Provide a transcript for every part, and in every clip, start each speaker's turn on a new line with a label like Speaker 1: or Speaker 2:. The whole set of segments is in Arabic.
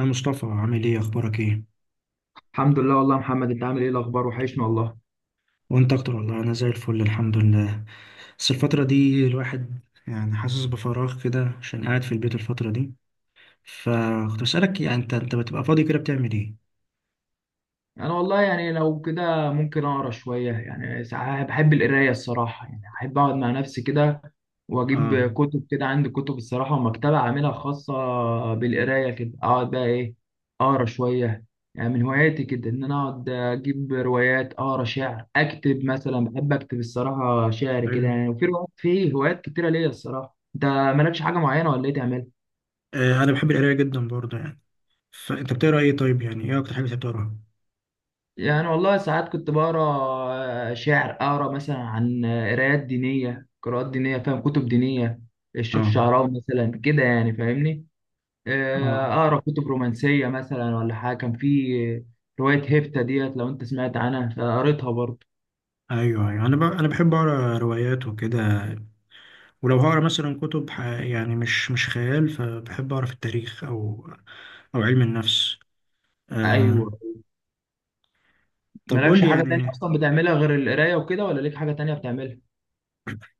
Speaker 1: يا مصطفى، عامل ايه؟ اخبارك ايه؟
Speaker 2: الحمد لله والله يا محمد، انت عامل ايه؟ الاخبار وحشني والله.
Speaker 1: وانت اكتر والله. انا زي الفل الحمد لله. بس الفترة دي الواحد يعني حاسس بفراغ كده عشان قاعد في البيت الفترة دي. فكنت بسألك، يعني انت بتبقى فاضي كده بتعمل ايه؟
Speaker 2: انا والله يعني لو كده ممكن اقرا شويه، يعني ساعات بحب القرايه الصراحه، يعني احب اقعد مع نفسي كده
Speaker 1: اه.
Speaker 2: واجيب كتب كده، عندي كتب الصراحه ومكتبه عاملها خاصه بالقرايه، كده اقعد بقى ايه، اقرا شويه. يعني من هواياتي كده ان انا اقعد اجيب روايات، اقرا شعر، اكتب مثلا، بحب اكتب الصراحه شعر كده
Speaker 1: حلو.
Speaker 2: يعني، وفي روايات، في هوايات كتيره ليا الصراحه. انت مالكش حاجه معينه ولا ايه تعمل؟
Speaker 1: انا بحب القراية جدا برضه يعني. فانت بتقرا ايه؟ طيب، يعني ايه اكتر حاجة أنت بتقراها؟
Speaker 2: يعني والله ساعات كنت بقرا شعر، اقرا مثلا عن قرايات دينيه، قراءات دينيه، فاهم؟ كتب دينيه، الشيخ
Speaker 1: اه.
Speaker 2: الشعراوي مثلا كده، يعني فاهمني.
Speaker 1: اه.
Speaker 2: اقرا كتب رومانسيه مثلا، ولا حاجه. كان في روايه هيفتا ديت، لو انت سمعت عنها، فقريتها برضه.
Speaker 1: ايوه ايوه، انا بحب اقرا روايات وكده. ولو هقرا مثلا كتب، يعني مش خيال، فبحب اقرا في التاريخ او علم النفس. آه،
Speaker 2: ايوه،
Speaker 1: طب قول
Speaker 2: مالكش
Speaker 1: لي
Speaker 2: حاجه تانية
Speaker 1: يعني.
Speaker 2: اصلا بتعملها غير القرايه وكده؟ ولا ليك حاجه تانية بتعملها؟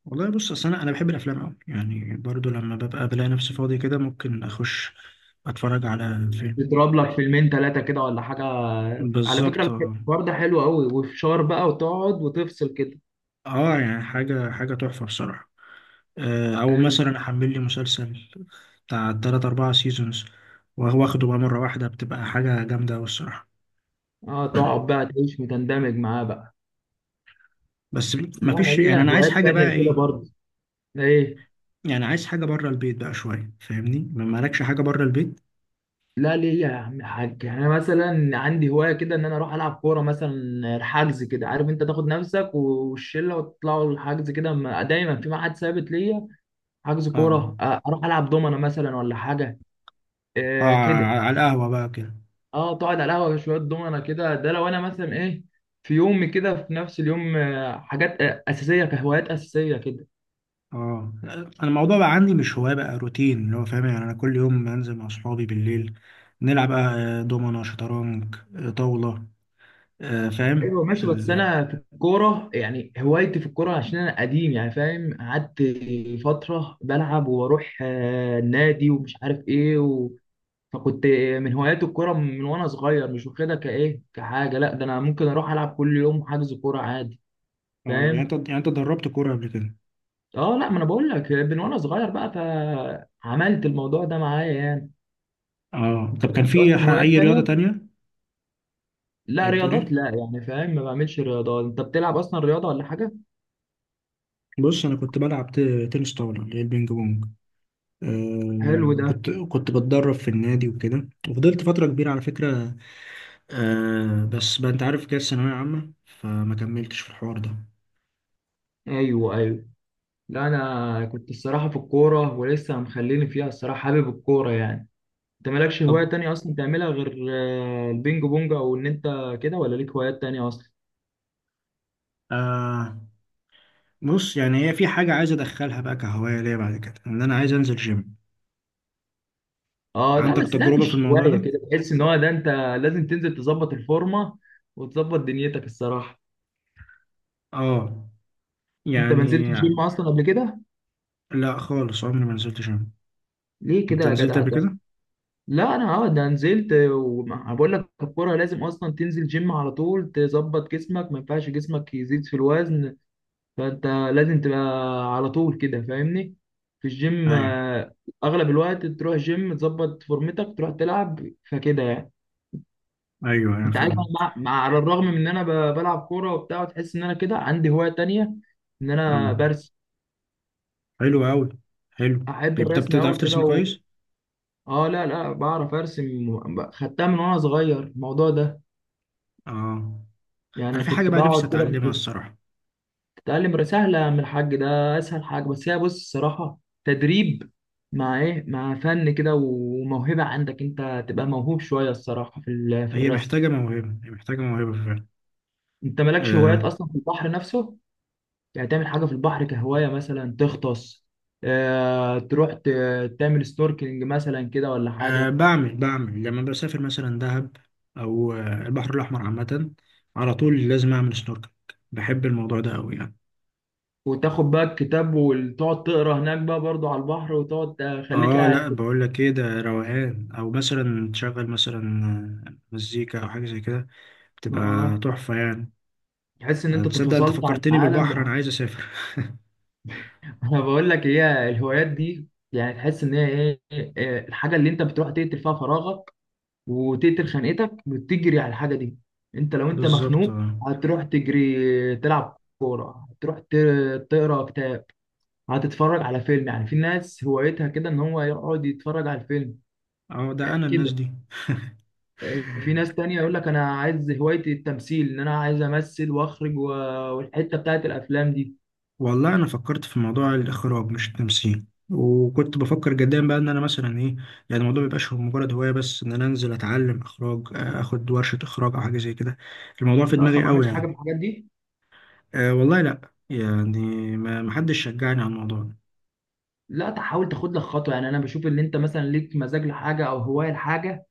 Speaker 1: والله بص، اصل انا بحب الافلام قوي يعني، برضو لما ببقى بلاقي نفسي فاضي كده ممكن اخش اتفرج على فيلم.
Speaker 2: تضرب لك فيلمين ثلاثه كده ولا حاجه؟ على
Speaker 1: بالظبط
Speaker 2: فكره
Speaker 1: اه.
Speaker 2: الحوار ده حلو قوي، وفشار بقى وتقعد وتفصل كده.
Speaker 1: يعني حاجه حاجه تحفه بصراحه. او
Speaker 2: أيوه.
Speaker 1: مثلا احمل لي مسلسل بتاع تلات اربعة سيزونز، وهو واخده بقى مره واحده، بتبقى حاجه جامده قوي الصراحه.
Speaker 2: اه تقعد بقى تعيش وتندمج معاه بقى.
Speaker 1: بس.
Speaker 2: لا انا
Speaker 1: مفيش، يعني
Speaker 2: ليا
Speaker 1: انا عايز
Speaker 2: هوايات
Speaker 1: حاجه بقى
Speaker 2: تانية كده
Speaker 1: ايه.
Speaker 2: برضه. ايه؟
Speaker 1: يعني عايز حاجه بره البيت بقى شويه، فاهمني؟ ما مالكش حاجه بره البيت.
Speaker 2: لا ليا يا عم الحاج، انا مثلا عندي هوايه كده ان انا اروح العب كوره مثلا، حجز كده، عارف انت تاخد نفسك والشله وتطلعوا الحجز كده، دايما في ميعاد ثابت ليا، حجز
Speaker 1: اه.
Speaker 2: كوره. اروح العب دومنه مثلا ولا حاجه.
Speaker 1: اه،
Speaker 2: آه كده.
Speaker 1: على القهوه بقى كده.
Speaker 2: اه تقعد على القهوه شويه دومنه كده. ده لو انا مثلا ايه، في يوم كده في نفس اليوم حاجات اساسيه، كهوايات اساسيه كده.
Speaker 1: اه، انا الموضوع بقى عندي مش هواية، بقى روتين اللي هو فاهم. يعني انا كل يوم بنزل مع اصحابي بالليل، نلعب بقى دومنة، شطرنج، طاولة، فاهم
Speaker 2: ايوه ماشي، بس انا في الكوره، يعني هوايتي في الكوره عشان انا قديم يعني، فاهم؟ قعدت فتره بلعب واروح النادي ومش عارف ايه فكنت من هوايات الكوره من وانا صغير، مش واخدها كحاجه، لا ده انا ممكن اروح العب كل يوم حجز كوره عادي.
Speaker 1: اه، يعني انت
Speaker 2: فاهم؟
Speaker 1: يعني انت دربت كورة قبل كده؟
Speaker 2: اه لا، ما انا بقول لك من وانا صغير بقى، فعملت الموضوع ده معايا يعني.
Speaker 1: اه،
Speaker 2: انت
Speaker 1: طب كان
Speaker 2: مالكش
Speaker 1: في
Speaker 2: اصلا هوايات
Speaker 1: اي رياضة
Speaker 2: تانية؟
Speaker 1: تانية؟ ايه
Speaker 2: لا
Speaker 1: بتقول
Speaker 2: رياضات لا،
Speaker 1: ايه؟
Speaker 2: يعني فاهم؟ ما بعملش رياضات. انت بتلعب اصلا رياضه ولا حاجه؟
Speaker 1: بص، انا كنت بلعب تنس طاولة اللي هي البينج بونج.
Speaker 2: حلو ده.
Speaker 1: كنت بتدرب في النادي وكده، وفضلت فترة كبيرة على فكرة. بس بقى انت عارف كده الثانوية عامة، فما كملتش في الحوار ده.
Speaker 2: ايوه ايوه. لا انا كنت الصراحه في الكوره، ولسه مخليني فيها الصراحه، حابب الكوره يعني. انت مالكش
Speaker 1: طب.
Speaker 2: هوايه تانية اصلا تعملها غير البينج بونج، او ان انت كده، ولا ليك هوايات تانية اصلا؟
Speaker 1: آه بص، يعني هي في حاجة عايز أدخلها بقى كهواية ليا بعد كده، إن أنا عايز أنزل جيم.
Speaker 2: اه لا،
Speaker 1: عندك
Speaker 2: بس ده
Speaker 1: تجربة في
Speaker 2: مش
Speaker 1: الموضوع
Speaker 2: هوايه
Speaker 1: ده؟
Speaker 2: كده، تحس ان هو ده انت. لازم تنزل تظبط الفورمه وتظبط دنيتك الصراحه.
Speaker 1: آه
Speaker 2: انت ما نزلتش
Speaker 1: يعني
Speaker 2: جيم اصلا قبل كده؟
Speaker 1: لا خالص، عمري ما نزلت جيم.
Speaker 2: ليه كده
Speaker 1: أنت
Speaker 2: يا
Speaker 1: نزلت
Speaker 2: جدع
Speaker 1: قبل
Speaker 2: ده؟
Speaker 1: كده؟
Speaker 2: لا انا اه ده نزلت، وبقول لك الكوره لازم اصلا تنزل جيم على طول، تظبط جسمك، ما ينفعش جسمك يزيد في الوزن. فانت لازم تبقى على طول كده فاهمني، في الجيم.
Speaker 1: أيوه.
Speaker 2: اغلب الوقت تروح جيم تظبط فورمتك، تروح تلعب، فكده يعني.
Speaker 1: أيوه أيوه،
Speaker 2: انت عارف أنا
Speaker 1: فاهم.
Speaker 2: مع على الرغم من ان انا بلعب كوره وبتاع، وتحس ان انا كده عندي هوايه تانية ان
Speaker 1: آه.
Speaker 2: انا برسم.
Speaker 1: حلو أوي. حلو.
Speaker 2: احب
Speaker 1: طيب، طب
Speaker 2: الرسم
Speaker 1: بتعرف
Speaker 2: قوي كده
Speaker 1: ترسم كويس؟
Speaker 2: اه لا لا بعرف ارسم، خدتها من وانا صغير الموضوع ده،
Speaker 1: آه أنا
Speaker 2: يعني
Speaker 1: في حاجة
Speaker 2: كنت
Speaker 1: بقى نفسي
Speaker 2: بقعد كده.
Speaker 1: أتعلمها الصراحة.
Speaker 2: تتعلم سهلة من الحاج ده، أسهل حاجة، بس هي بص الصراحة تدريب مع إيه، مع فن كده وموهبة، عندك أنت تبقى موهوب شوية الصراحة في في
Speaker 1: هي
Speaker 2: الرسم.
Speaker 1: محتاجة موهبة، هي محتاجة موهبة.
Speaker 2: أنت مالكش هوايات
Speaker 1: فعلا.
Speaker 2: أصلا في البحر نفسه؟ يعني تعمل حاجة في البحر كهواية، مثلا تغطس، آه تروح تعمل ستوركلينج مثلا كده ولا حاجة.
Speaker 1: بعمل لما بسافر مثلا دهب، أو البحر الأحمر عامة. على طول لازم أعمل سنوركل. بحب الموضوع ده أوي يعني.
Speaker 2: وتاخد بقى الكتاب وتقعد تقرا هناك بقى برضو على البحر، وتقعد خليك
Speaker 1: اه
Speaker 2: قاعد
Speaker 1: لا،
Speaker 2: كده.
Speaker 1: بقول لك ايه، ده روقان. او مثلا تشغل مثلا مزيكا او حاجه زي كده، بتبقى
Speaker 2: آه،
Speaker 1: تحفه يعني.
Speaker 2: تحس إن أنت
Speaker 1: تصدق انت
Speaker 2: تفصلت عن
Speaker 1: فكرتني
Speaker 2: العالم.
Speaker 1: بالبحر، انا عايز اسافر
Speaker 2: انا بقول لك هي الهوايات دي يعني، تحس ان هي ايه، الحاجه اللي انت بتروح تقتل فيها فراغك، وتقتل خانقتك، وتجري على الحاجه دي. انت لو انت
Speaker 1: بالظبط
Speaker 2: مخنوق،
Speaker 1: اه.
Speaker 2: هتروح تجري تلعب كوره، هتروح تقرا كتاب، هتتفرج على فيلم. يعني في ناس هوايتها كده ان هو يقعد يتفرج على الفيلم
Speaker 1: اه، ده انا
Speaker 2: كده.
Speaker 1: الناس دي.
Speaker 2: في ناس تانية يقول لك انا عايز هوايتي التمثيل، ان انا عايز امثل واخرج والحته بتاعت الافلام دي.
Speaker 1: والله انا فكرت في موضوع الاخراج مش التمثيل، وكنت بفكر جدا بقى ان انا مثلا ايه. يعني الموضوع ميبقاش هو مجرد هوايه بس، ان انا انزل اتعلم اخراج، اخد ورشه اخراج او حاجه زي كده. الموضوع في
Speaker 2: انت اصلا
Speaker 1: دماغي
Speaker 2: ما
Speaker 1: قوي
Speaker 2: عملتش حاجه
Speaker 1: يعني.
Speaker 2: في الحاجات دي؟
Speaker 1: أه والله لا يعني. ما حدش شجعني على الموضوع ده.
Speaker 2: لا تحاول تاخد لك خطوه، يعني انا بشوف ان انت مثلا ليك مزاج لحاجه، او هوايه لحاجه،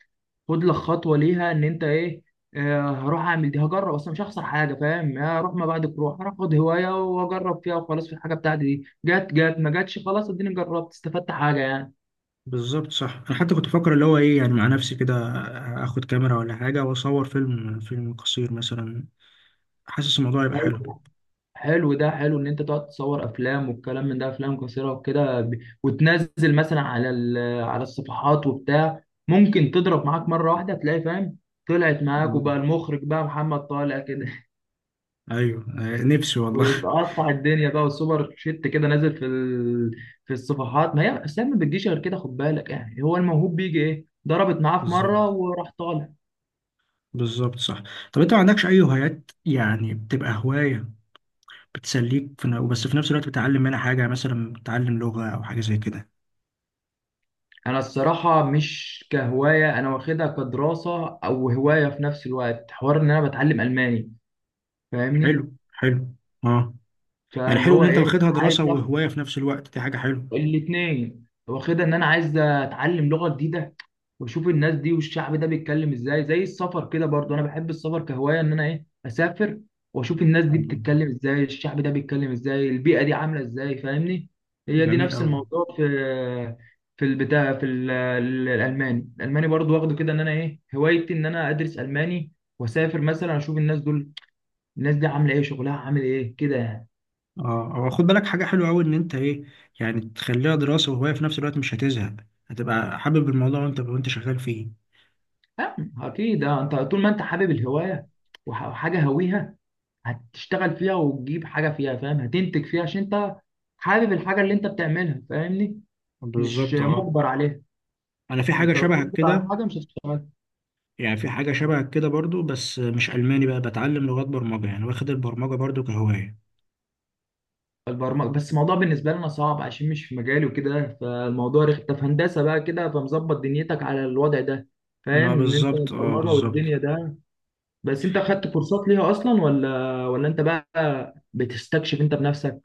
Speaker 2: خد لك خطوه ليها، ان انت ايه، هروح اعمل دي، هجرب اصلا، مش هخسر حاجه، فاهم؟ يعني هروح، ما بعد بروح، هروح اخد هوايه واجرب فيها وخلاص، في الحاجه بتاعتي دي، جت جت، ما جاتش خلاص، اديني جربت، استفدت حاجه يعني.
Speaker 1: بالظبط صح. انا حتى كنت بفكر اللي هو ايه، يعني مع نفسي كده اخد كاميرا ولا حاجه واصور فيلم، فيلم قصير مثلا. حاسس الموضوع يبقى
Speaker 2: طيب،
Speaker 1: حلو.
Speaker 2: حلو ده. حلو ان انت تقعد تصور افلام والكلام من ده، افلام قصيره وكده، وتنزل مثلا على على الصفحات وبتاع، ممكن تضرب معاك مره واحده، تلاقي فاهم طلعت معاك،
Speaker 1: آه.
Speaker 2: وبقى المخرج بقى محمد طالع كده.
Speaker 1: ايوه. نفسي والله
Speaker 2: وقطع الدنيا بقى والسوبر شيت كده نازل في الصفحات. ما هي السلام ما بتجيش غير كده، خد بالك يعني، هو الموهوب بيجي ايه، ضربت معاه في مره
Speaker 1: بالظبط.
Speaker 2: وراح طالع.
Speaker 1: بالظبط صح. طب انت ما عندكش اي هوايات يعني بتبقى هواية بتسليك في بس في نفس الوقت بتتعلم منها حاجة، مثلا بتتعلم لغة او حاجة زي كده؟
Speaker 2: انا الصراحه مش كهوايه، انا واخدها كدراسه او هوايه في نفس الوقت، حوار ان انا بتعلم الماني فاهمني.
Speaker 1: حلو حلو. اه، يعني
Speaker 2: فاللي
Speaker 1: حلو ان
Speaker 2: هو
Speaker 1: انت
Speaker 2: ايه،
Speaker 1: واخدها
Speaker 2: عايز
Speaker 1: دراسة
Speaker 2: اخد
Speaker 1: وهواية في نفس الوقت، دي حاجة حلوة.
Speaker 2: الاثنين، واخدها ان انا عايز اتعلم لغه جديده، واشوف الناس دي والشعب ده بيتكلم ازاي، زي السفر كده برضو، انا بحب السفر كهوايه ان انا ايه اسافر واشوف الناس دي
Speaker 1: آه،
Speaker 2: بتتكلم ازاي، الشعب ده بيتكلم ازاي، البيئه دي عامله ازاي، فاهمني. هي دي
Speaker 1: جميل
Speaker 2: نفس
Speaker 1: قوي.
Speaker 2: الموضوع، في في البتاع، في الالماني، الالماني برضو واخده كده ان انا ايه، هوايتي ان انا ادرس الماني، واسافر مثلا اشوف الناس دول، الناس دي عامله ايه، شغلها عامل ايه كده يعني.
Speaker 1: اه، او خد بالك حاجة حلوة قوي، ان انت ايه، يعني تخليها دراسة وهواية في نفس الوقت مش هتزهق. هتبقى حابب الموضوع وانت شغال فيه.
Speaker 2: اكيد. آه، انت طول ما انت حابب الهوايه وحاجه هويها، هتشتغل فيها وتجيب حاجه فيها، فاهم؟ هتنتج فيها عشان انت حابب الحاجه اللي انت بتعملها فاهمني، مش
Speaker 1: بالظبط اه.
Speaker 2: مجبر عليها.
Speaker 1: انا في حاجة
Speaker 2: انت لو
Speaker 1: شبهك
Speaker 2: مجبر على
Speaker 1: كده.
Speaker 2: حاجه مش هتشتغل.
Speaker 1: يعني في حاجة شبه كده برضو بس مش ألماني بقى، بتعلم لغات برمجة يعني، واخد البرمجة برضو كهواية.
Speaker 2: البرمجه بس الموضوع بالنسبه لنا صعب عشان مش في مجالي وكده، فالموضوع رخ. انت في هندسه بقى كده، فمظبط دنيتك على الوضع ده فاهم،
Speaker 1: ما
Speaker 2: ان انت
Speaker 1: بالظبط اه،
Speaker 2: البرمجه
Speaker 1: بالظبط.
Speaker 2: والدنيا ده. بس انت خدت كورسات ليها اصلا، ولا ولا انت بقى بتستكشف انت بنفسك؟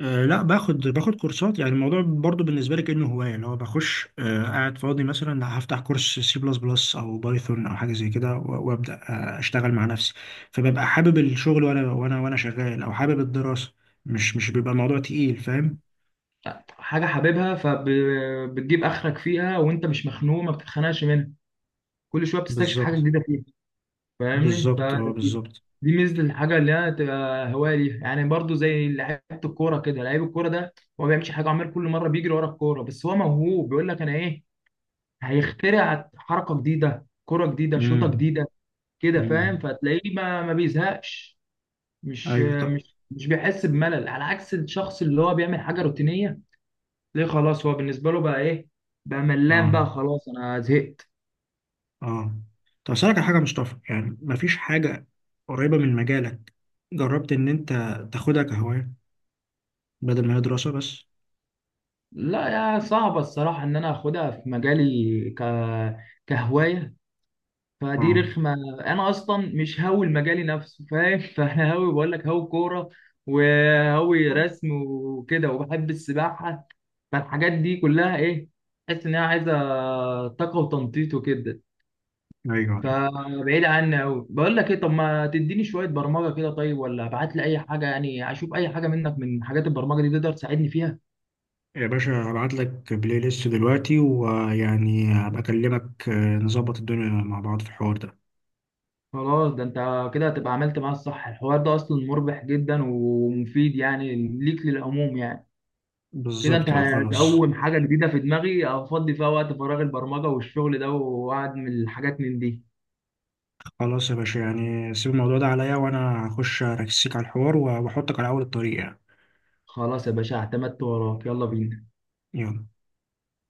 Speaker 1: لا، باخد كورسات. يعني الموضوع برضو بالنسبة لي كأنه هواية، اللي هو بخش قاعد فاضي مثلا هفتح كورس C++ أو بايثون أو حاجة زي كده، و- وأبدأ أشتغل مع نفسي. فببقى حابب الشغل، وأنا وأنا شغال أو حابب الدراسة. مش بيبقى الموضوع تقيل فاهم.
Speaker 2: حاجه حاببها، فبتجيب اخرك فيها، وانت مش مخنوق، ما بتتخنقش منها، كل شويه بتستكشف حاجه
Speaker 1: بالظبط،
Speaker 2: جديده فيها، فاهمني؟
Speaker 1: بالظبط اه،
Speaker 2: فدي،
Speaker 1: بالظبط.
Speaker 2: دي ميزه الحاجه اللي هي تبقى هوايه ليها يعني. برضو زي لعيبه الكوره كده، لعيب الكوره ده هو ما بيعملش حاجه عمال كل مره بيجري ورا الكوره، بس هو موهوب بيقول لك انا ايه، هيخترع حركه جديده، كوره جديده، شوطه
Speaker 1: امم.
Speaker 2: جديده كده، فاهم؟
Speaker 1: امم.
Speaker 2: فتلاقيه ما بيزهقش، مش
Speaker 1: ايوه طب.
Speaker 2: مش مش بيحس بملل، على عكس الشخص اللي هو بيعمل حاجه روتينيه، ليه؟ خلاص هو بالنسبه له بقى ايه، بقى ملان
Speaker 1: اه.
Speaker 2: بقى، خلاص انا زهقت.
Speaker 1: اه. طب اسالك على حاجه يا مصطفى، يعني مفيش حاجه قريبه من مجالك جربت ان انت تاخدها كهوايه بدل ما هي دراسه بس؟
Speaker 2: لا، يا صعبة الصراحة إن أنا آخدها في مجالي كهواية، فدي
Speaker 1: اه.
Speaker 2: رخمة. أنا أصلا مش هاوي المجالي نفسه فاهم؟ فأنا هاوي، بقول لك هاوي كورة، وهاوي رسم وكده، وبحب السباحة. فالحاجات دي كلها إيه، تحس إن هي عايزة طاقة وتنطيط وكده،
Speaker 1: ايوه ايوه
Speaker 2: فبعيد عني أوي. بقول لك إيه، طب ما تديني شوية برمجة كده طيب، ولا ابعت لي أي حاجة يعني، أشوف أي حاجة منك من حاجات البرمجة دي تقدر تساعدني فيها.
Speaker 1: يا باشا، هبعت لك بلاي ليست دلوقتي، ويعني هبقى اكلمك نظبط الدنيا مع بعض في الحوار ده.
Speaker 2: خلاص، ده انت كده هتبقى عملت معاه الصح، الحوار ده اصلا مربح جدا ومفيد يعني ليك، للعموم يعني. كده انت
Speaker 1: بالظبط اه. خلاص.
Speaker 2: هتقوم حاجه جديده في دماغي افضي فيها وقت فراغ، البرمجه والشغل ده، وقعد من الحاجات من دي.
Speaker 1: خلاص يا باشا، يعني سيب الموضوع ده عليا، وانا هخش اركسيك على الحوار واحطك على اول الطريق يعني.
Speaker 2: خلاص يا باشا، اعتمدت وراك، يلا بينا.
Speaker 1: يلا.